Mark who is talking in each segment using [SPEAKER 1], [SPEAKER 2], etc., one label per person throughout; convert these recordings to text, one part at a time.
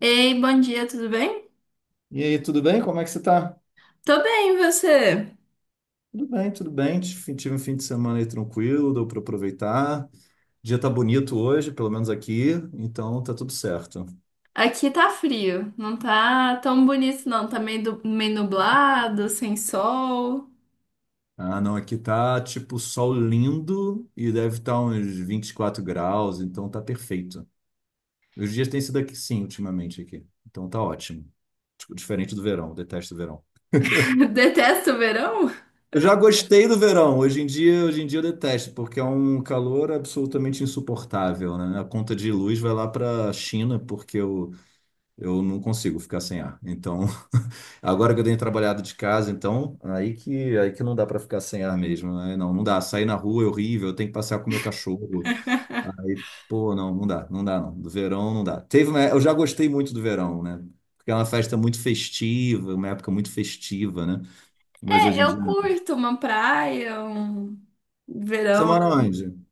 [SPEAKER 1] Ei, bom dia, tudo bem?
[SPEAKER 2] E aí, tudo bem? Como é que você tá?
[SPEAKER 1] Tô bem, e você?
[SPEAKER 2] Tudo bem, tudo bem. Tive um fim de semana aí tranquilo, deu para aproveitar. O dia tá bonito hoje, pelo menos aqui, então tá tudo certo.
[SPEAKER 1] Aqui tá frio, não tá tão bonito não, tá meio nublado, sem sol.
[SPEAKER 2] Ah, não, aqui tá tipo sol lindo e deve estar uns 24 graus, então tá perfeito. Os dias têm sido aqui sim, ultimamente aqui. Então tá ótimo. Tipo, diferente do verão, detesto o verão.
[SPEAKER 1] Detesto o verão?
[SPEAKER 2] Eu já gostei do verão. Hoje em dia eu detesto, porque é um calor absolutamente insuportável, né? A conta de luz vai lá para a China. Porque o Eu não consigo ficar sem ar. Então, agora que eu tenho trabalhado de casa, então, aí que não dá para ficar sem ar mesmo, né? Não, não dá. Sair na rua é horrível, eu tenho que passear com o meu cachorro. Aí, pô, não, não dá, não dá, não. Do verão não dá. Eu já gostei muito do verão, né? Porque é uma festa muito festiva, uma época muito festiva, né? Mas
[SPEAKER 1] É,
[SPEAKER 2] hoje em
[SPEAKER 1] eu
[SPEAKER 2] dia não.
[SPEAKER 1] curto uma praia, um
[SPEAKER 2] Você
[SPEAKER 1] verão.
[SPEAKER 2] mora onde?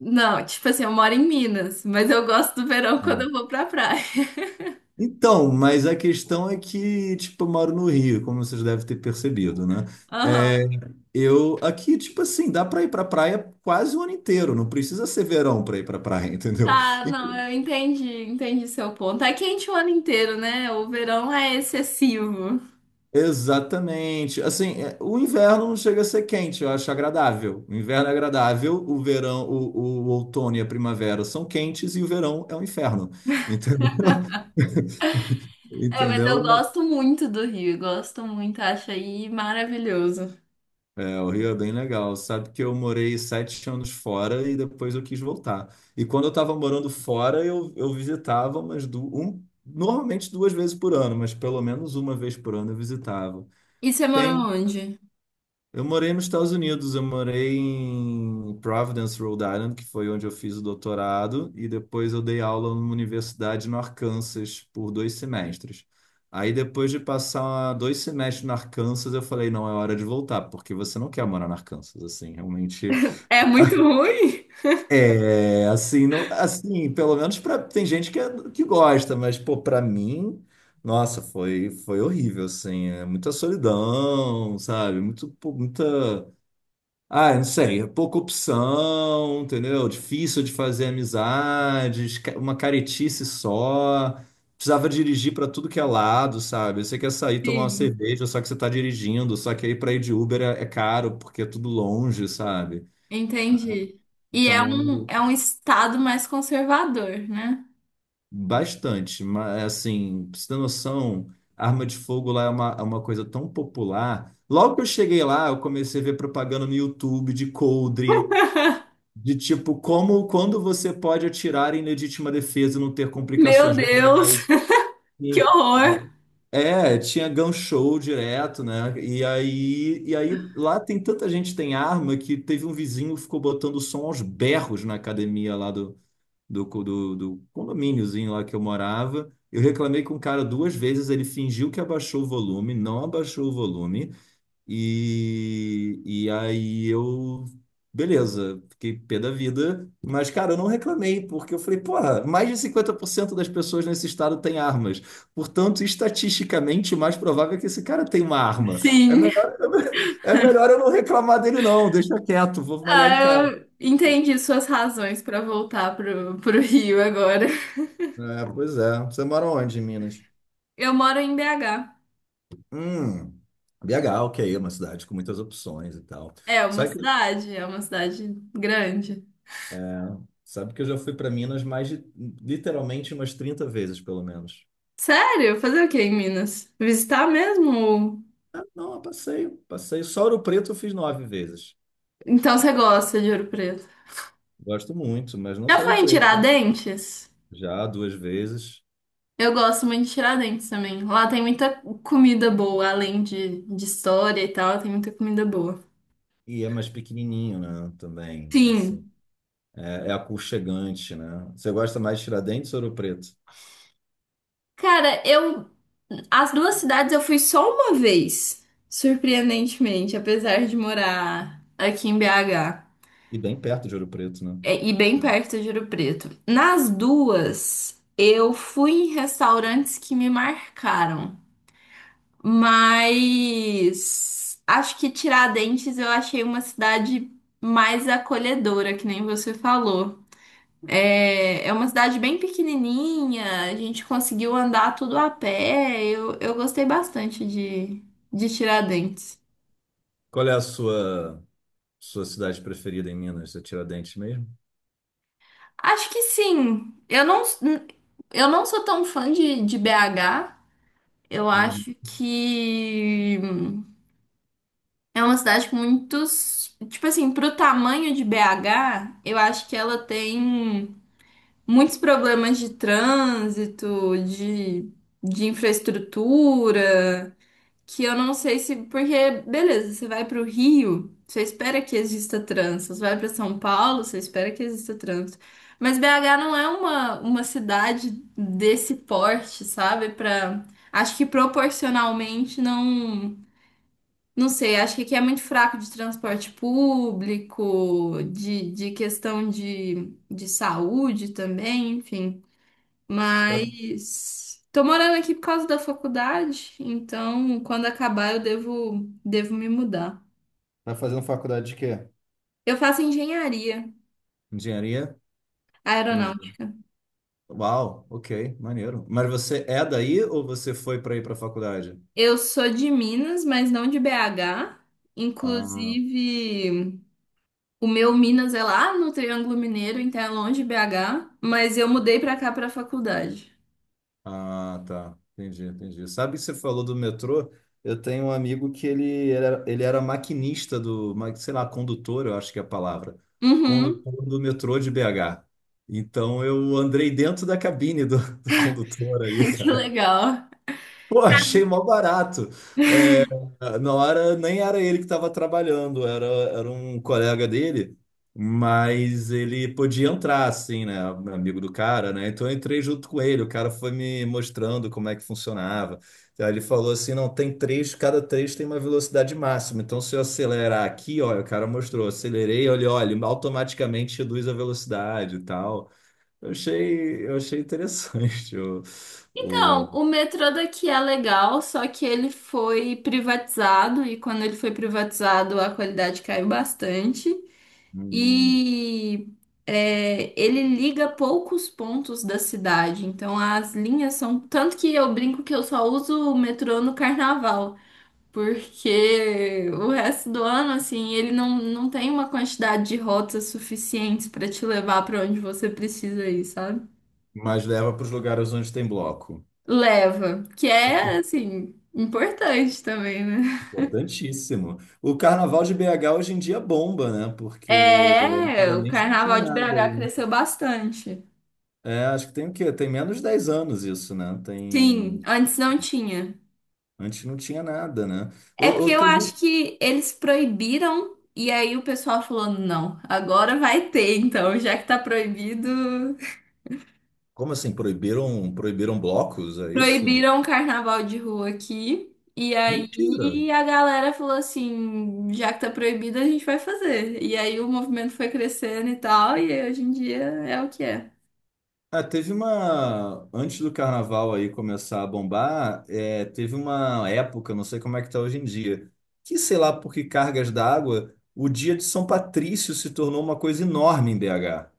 [SPEAKER 1] Não, tipo assim, eu moro em Minas, mas eu gosto do verão quando
[SPEAKER 2] Ah.
[SPEAKER 1] eu vou pra praia.
[SPEAKER 2] Então, mas a questão é que, tipo, eu moro no Rio, como vocês devem ter percebido, né? É,
[SPEAKER 1] Aham.
[SPEAKER 2] eu aqui, tipo assim, dá pra ir pra praia quase o ano inteiro, não precisa ser verão pra ir pra praia, entendeu?
[SPEAKER 1] Tá,
[SPEAKER 2] E-
[SPEAKER 1] não, eu entendi, entendi seu ponto. Tá quente o ano inteiro, né? O verão é excessivo.
[SPEAKER 2] Exatamente. Assim, é, o inverno não chega a ser quente, eu acho agradável. O inverno é agradável, o verão, o outono e a primavera são quentes e o verão é um inferno, entendeu?
[SPEAKER 1] É, mas eu
[SPEAKER 2] Entendeu?
[SPEAKER 1] gosto muito do Rio, gosto muito, acho aí maravilhoso.
[SPEAKER 2] É, o Rio é bem legal. Sabe que eu morei 7 anos fora e depois eu quis voltar. E quando eu estava morando fora, eu visitava normalmente 2 vezes por ano, mas pelo menos uma vez por ano eu visitava.
[SPEAKER 1] E você morou
[SPEAKER 2] Tem
[SPEAKER 1] onde?
[SPEAKER 2] Eu morei nos Estados Unidos, eu morei em Providence, Rhode Island, que foi onde eu fiz o doutorado, e depois eu dei aula numa universidade no Arkansas por 2 semestres. Aí depois de passar 2 semestres no Arkansas, eu falei, não, é hora de voltar, porque você não quer morar no Arkansas, assim, realmente.
[SPEAKER 1] É muito ruim?
[SPEAKER 2] É, assim, não, assim, pelo menos pra, tem gente que, que gosta, mas, pô, pra mim, nossa, foi horrível, assim, é muita solidão, sabe? Muito, pô, muita. Ah, não sei, é pouca opção, entendeu? Difícil de fazer amizades, uma caretice só. Precisava dirigir para tudo que é lado, sabe? Você quer sair tomar uma
[SPEAKER 1] Sim,
[SPEAKER 2] cerveja, só que você tá dirigindo, só que aí para ir de Uber é caro, porque é tudo longe, sabe?
[SPEAKER 1] entendi. E é
[SPEAKER 2] Então,
[SPEAKER 1] um, é um estado mais conservador, né?
[SPEAKER 2] bastante, mas assim, pra você ter noção, arma de fogo lá é uma coisa tão popular. Logo que eu cheguei lá, eu comecei a ver propaganda no YouTube de coldre. De tipo, como, quando você pode atirar em legítima defesa e não ter
[SPEAKER 1] Meu
[SPEAKER 2] complicações
[SPEAKER 1] Deus,
[SPEAKER 2] legais.
[SPEAKER 1] que
[SPEAKER 2] E-
[SPEAKER 1] horror!
[SPEAKER 2] É, tinha gun show direto, né? E aí, lá tem tanta gente que tem arma que teve um vizinho que ficou botando som aos berros na academia lá do condomíniozinho lá que eu morava. Eu reclamei com o cara 2 vezes, ele fingiu que abaixou o volume, não abaixou o volume. E aí beleza, fiquei pé da vida, mas cara, eu não reclamei, porque eu falei, porra, mais de 50% das pessoas nesse estado têm armas. Portanto, estatisticamente, o mais provável é que esse cara tenha uma arma. É
[SPEAKER 1] Sim.
[SPEAKER 2] melhor, é melhor eu não reclamar dele, não, deixa quieto, vou malhar em
[SPEAKER 1] Ah,
[SPEAKER 2] casa.
[SPEAKER 1] eu entendi suas razões para voltar pro Rio agora.
[SPEAKER 2] É, pois é. Você mora onde, em Minas?
[SPEAKER 1] Eu moro em BH.
[SPEAKER 2] Hum, BH, ok, é uma cidade com muitas opções e tal.
[SPEAKER 1] É uma
[SPEAKER 2] Sabe que
[SPEAKER 1] cidade, é uma cidade grande.
[SPEAKER 2] Sabe que eu já fui para Minas mais de, literalmente umas 30 vezes, pelo menos.
[SPEAKER 1] Sério? Fazer o que em Minas? Visitar mesmo?
[SPEAKER 2] Ah, não, eu passeio, passeio. Só Ouro Preto eu fiz 9 vezes.
[SPEAKER 1] Então você gosta de Ouro Preto.
[SPEAKER 2] Gosto muito, mas não
[SPEAKER 1] Já
[SPEAKER 2] só
[SPEAKER 1] foi
[SPEAKER 2] Ouro
[SPEAKER 1] em
[SPEAKER 2] Preto.
[SPEAKER 1] Tiradentes?
[SPEAKER 2] Já 2 vezes.
[SPEAKER 1] Eu gosto muito de Tiradentes também. Lá tem muita comida boa, além de história e tal, tem muita comida boa.
[SPEAKER 2] E é mais pequenininho, né? Também, assim.
[SPEAKER 1] Sim.
[SPEAKER 2] É aconchegante, né? Você gosta mais de Tiradentes ou Ouro Preto?
[SPEAKER 1] Cara, eu. As duas cidades eu fui só uma vez, surpreendentemente, apesar de morar aqui em BH,
[SPEAKER 2] E bem perto de Ouro Preto, né?
[SPEAKER 1] é, e bem perto de Ouro Preto. Nas duas, eu fui em restaurantes que me marcaram. Mas acho que Tiradentes eu achei uma cidade mais acolhedora, que nem você falou. É, é uma cidade bem pequenininha, a gente conseguiu andar tudo a pé. Eu gostei bastante de Tiradentes.
[SPEAKER 2] Qual é a sua cidade preferida em Minas? É Tiradentes mesmo?
[SPEAKER 1] Acho que sim. Eu não sou tão fã de BH. Eu
[SPEAKER 2] Hum.
[SPEAKER 1] acho que. É uma cidade com muitos. Tipo assim, pro tamanho de BH, eu acho que ela tem muitos problemas de trânsito, de infraestrutura, que eu não sei se. Porque, beleza, você vai pro Rio, você espera que exista trânsito. Você vai pra São Paulo, você espera que exista trânsito. Mas BH não é uma cidade desse porte, sabe? Acho que proporcionalmente não. Não sei, acho que aqui é muito fraco de transporte público, de questão de saúde também, enfim.
[SPEAKER 2] Sabe?
[SPEAKER 1] Mas tô morando aqui por causa da faculdade, então quando acabar eu devo me mudar.
[SPEAKER 2] Tá fazendo faculdade de quê?
[SPEAKER 1] Eu faço engenharia
[SPEAKER 2] Engenharia? Entendi.
[SPEAKER 1] aeronáutica.
[SPEAKER 2] Uau, ok, maneiro. Mas você é daí ou você foi para ir para a faculdade?
[SPEAKER 1] Eu sou de Minas, mas não de BH.
[SPEAKER 2] Ah,
[SPEAKER 1] Inclusive, o meu Minas é lá no Triângulo Mineiro, então é longe de BH, mas eu mudei pra cá pra faculdade.
[SPEAKER 2] ah, tá. Entendi, entendi. Sabe que você falou do metrô? Eu tenho um amigo que ele era maquinista sei lá, condutor, eu acho que é a palavra.
[SPEAKER 1] Uhum.
[SPEAKER 2] Condutor do metrô de BH. Então eu andei dentro da cabine do condutor aí.
[SPEAKER 1] Ai, que legal.
[SPEAKER 2] Pô, achei mó barato. Ah, não era, nem era ele que estava trabalhando, era um colega dele, mas ele podia entrar, assim, né? Amigo do cara, né? Então eu entrei junto com ele, o cara foi me mostrando como é que funcionava. Aí ele falou assim: não, tem três, cada três tem uma velocidade máxima. Então, se eu acelerar aqui, olha, o cara mostrou, acelerei, olha, olha, ele automaticamente reduz a velocidade e tal. Eu achei interessante
[SPEAKER 1] Então,
[SPEAKER 2] o,
[SPEAKER 1] o metrô daqui é legal, só que ele foi privatizado e quando ele foi privatizado a qualidade caiu bastante.
[SPEAKER 2] hum,
[SPEAKER 1] E é, ele liga poucos pontos da cidade, então as linhas são. Tanto que eu brinco que eu só uso o metrô no carnaval, porque o resto do ano, assim, ele não tem uma quantidade de rotas suficientes para te levar para onde você precisa ir, sabe?
[SPEAKER 2] mas leva para os lugares onde tem bloco.
[SPEAKER 1] Leva, que é, assim, importante também, né?
[SPEAKER 2] Importantíssimo. O carnaval de BH hoje em dia bomba, né? Porque
[SPEAKER 1] É, o
[SPEAKER 2] antigamente não tinha
[SPEAKER 1] carnaval de
[SPEAKER 2] nada
[SPEAKER 1] BH
[SPEAKER 2] aí, né?
[SPEAKER 1] cresceu bastante.
[SPEAKER 2] É, acho que tem o quê? Tem menos de 10 anos isso, né?
[SPEAKER 1] Sim, antes não tinha.
[SPEAKER 2] Antes não tinha nada, né? Eu
[SPEAKER 1] É porque
[SPEAKER 2] ou
[SPEAKER 1] eu
[SPEAKER 2] teve...
[SPEAKER 1] acho
[SPEAKER 2] um,
[SPEAKER 1] que eles proibiram e aí o pessoal falou, não, agora vai ter, então, já que tá proibido.
[SPEAKER 2] Como assim? Proibiram blocos? É isso?
[SPEAKER 1] Proibiram o carnaval de rua aqui. E
[SPEAKER 2] Mentira!
[SPEAKER 1] aí a galera falou assim, já que tá proibido, a gente vai fazer. E aí o movimento foi crescendo e tal, e hoje em dia é o que é.
[SPEAKER 2] Ah, antes do carnaval aí começar a bombar, é, teve uma época, não sei como é que tá hoje em dia, que sei lá por que cargas d'água, o dia de São Patrício se tornou uma coisa enorme em BH.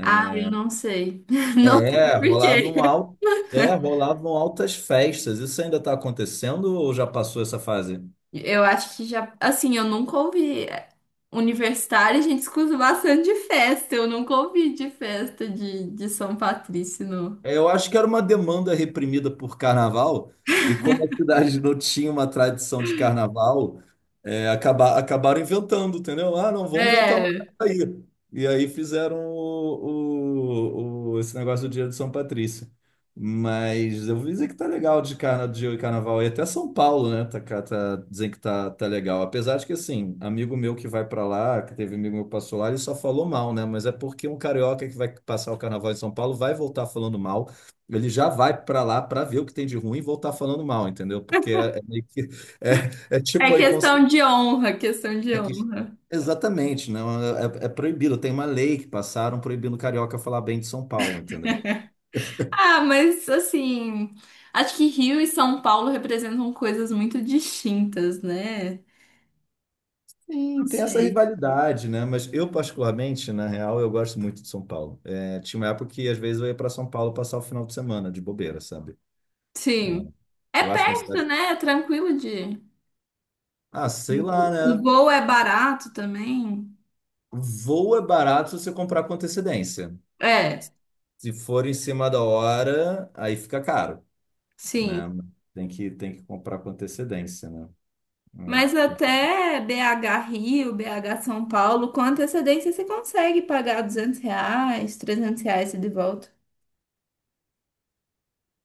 [SPEAKER 1] Ah, eu não sei. Não sei
[SPEAKER 2] É,
[SPEAKER 1] por
[SPEAKER 2] rolavam
[SPEAKER 1] quê.
[SPEAKER 2] al... Rolavam altas festas. Isso ainda está acontecendo ou já passou essa fase?
[SPEAKER 1] Eu acho que já. Assim, eu nunca ouvi. É, universitário, a gente escuta bastante de festa. Eu nunca ouvi de festa de São Patrício, não.
[SPEAKER 2] É, eu acho que era uma demanda reprimida por carnaval, e como a cidade não tinha uma tradição de carnaval, acabaram inventando, entendeu? Ah, não, vamos inventar uma
[SPEAKER 1] É.
[SPEAKER 2] data aí. E aí fizeram esse negócio do Dia de São Patrício. Mas eu vou dizer que tá legal de carnaval. E até São Paulo, né? Tá, dizem que tá legal. Apesar de que, assim, amigo meu que vai pra lá, que teve amigo meu que passou lá, ele só falou mal, né? Mas é porque um carioca que vai passar o carnaval em São Paulo vai voltar falando mal. Ele já vai pra lá pra ver o que tem de ruim e voltar falando mal, entendeu? Porque é
[SPEAKER 1] É
[SPEAKER 2] tipo aí
[SPEAKER 1] questão
[SPEAKER 2] consciente.
[SPEAKER 1] de honra, questão de honra.
[SPEAKER 2] Exatamente, não é, é proibido. Tem uma lei que passaram proibindo carioca falar bem de São Paulo, entendeu?
[SPEAKER 1] Ah, mas assim. Acho que Rio e São Paulo representam coisas muito distintas, né? Não
[SPEAKER 2] Sim, tem essa
[SPEAKER 1] sei.
[SPEAKER 2] rivalidade, né? Mas eu, particularmente, na real, eu gosto muito de São Paulo. É, tinha uma época que, às vezes, eu ia para São Paulo passar o final de semana de bobeira, sabe?
[SPEAKER 1] Sim. É
[SPEAKER 2] Eu acho uma
[SPEAKER 1] perto,
[SPEAKER 2] cidade.
[SPEAKER 1] né? É tranquilo de.
[SPEAKER 2] Ah, sei
[SPEAKER 1] O,
[SPEAKER 2] lá,
[SPEAKER 1] o
[SPEAKER 2] né?
[SPEAKER 1] voo é barato também.
[SPEAKER 2] Voo é barato se você comprar com antecedência.
[SPEAKER 1] É.
[SPEAKER 2] Se for em cima da hora, aí fica caro, né?
[SPEAKER 1] Sim,
[SPEAKER 2] Tem que comprar com antecedência, né? É,
[SPEAKER 1] mas
[SPEAKER 2] porque...
[SPEAKER 1] até BH Rio, BH São Paulo, com antecedência você consegue pagar R$ 200, R$ 300 de volta.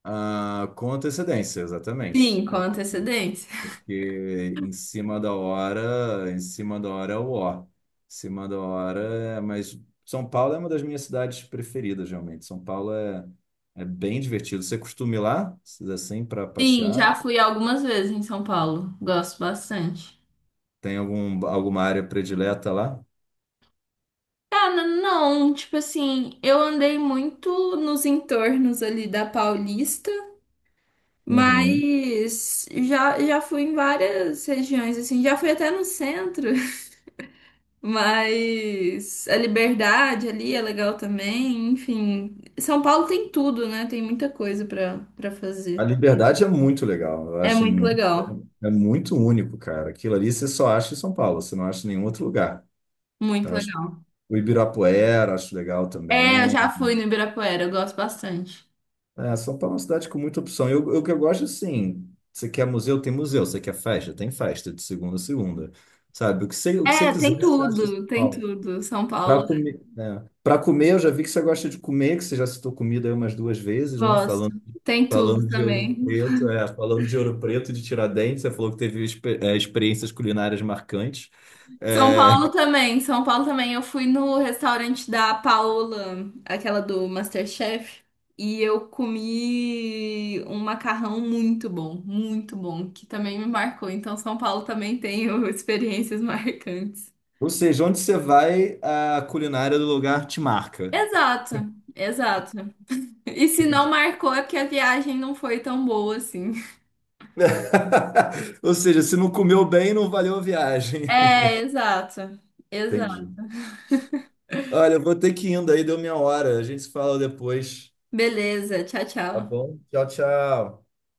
[SPEAKER 2] Ah, com antecedência, exatamente.
[SPEAKER 1] Sim, com antecedência.
[SPEAKER 2] Porque em cima da hora, em cima da hora é o ó. Em cima da hora é. Mas São Paulo é uma das minhas cidades preferidas, realmente. São Paulo é bem divertido. Você costuma ir lá, assim, para
[SPEAKER 1] Sim,
[SPEAKER 2] passear?
[SPEAKER 1] já fui algumas vezes em São Paulo. Gosto bastante.
[SPEAKER 2] Tem algum, alguma área predileta lá?
[SPEAKER 1] Cara, não, tipo assim, eu andei muito nos entornos ali da Paulista,
[SPEAKER 2] Uhum.
[SPEAKER 1] mas já fui em várias regiões, assim, já fui até no centro. Mas a liberdade ali é legal também, enfim. São Paulo tem tudo, né? Tem muita coisa pra para
[SPEAKER 2] A
[SPEAKER 1] fazer.
[SPEAKER 2] Liberdade é muito legal. Eu
[SPEAKER 1] É
[SPEAKER 2] acho
[SPEAKER 1] muito
[SPEAKER 2] muito,
[SPEAKER 1] legal,
[SPEAKER 2] é muito único, cara. Aquilo ali você só acha em São Paulo, você não acha em nenhum outro lugar.
[SPEAKER 1] muito
[SPEAKER 2] Eu acho
[SPEAKER 1] legal.
[SPEAKER 2] o Ibirapuera, acho legal
[SPEAKER 1] É, eu
[SPEAKER 2] também.
[SPEAKER 1] já fui no Ibirapuera, eu gosto bastante.
[SPEAKER 2] É, São Paulo é uma cidade com muita opção. Eu que eu gosto, assim, você quer museu, tem museu. Você quer festa, tem festa, de segunda a segunda. Sabe, o que você
[SPEAKER 1] É,
[SPEAKER 2] quiser,
[SPEAKER 1] tem
[SPEAKER 2] você acha em São
[SPEAKER 1] tudo, tem
[SPEAKER 2] Paulo.
[SPEAKER 1] tudo. São Paulo,
[SPEAKER 2] Para comer, né? Para comer, eu já vi que você gosta de comer, que você já citou comida aí umas 2 vezes, né?
[SPEAKER 1] gosto.
[SPEAKER 2] Falando,
[SPEAKER 1] Tem tudo
[SPEAKER 2] falando de Ouro
[SPEAKER 1] também.
[SPEAKER 2] Preto, é, falando de Ouro Preto e de Tiradentes, você falou que teve experiências culinárias marcantes.
[SPEAKER 1] São
[SPEAKER 2] É,
[SPEAKER 1] Paulo também, São Paulo também. Eu fui no restaurante da Paola, aquela do MasterChef, e eu comi um macarrão muito bom, que também me marcou. Então, São Paulo também tem experiências marcantes.
[SPEAKER 2] ou seja, onde você vai, a culinária do lugar te marca.
[SPEAKER 1] Exato, exato. E se não marcou é porque a viagem não foi tão boa assim.
[SPEAKER 2] Ou seja, se não comeu bem, não valeu a viagem.
[SPEAKER 1] É, exato,
[SPEAKER 2] Entendi.
[SPEAKER 1] exato.
[SPEAKER 2] Olha, eu vou ter que ir indo aí, deu minha hora. A gente se fala depois.
[SPEAKER 1] Beleza, tchau,
[SPEAKER 2] Tá
[SPEAKER 1] tchau.
[SPEAKER 2] bom? Tchau, tchau.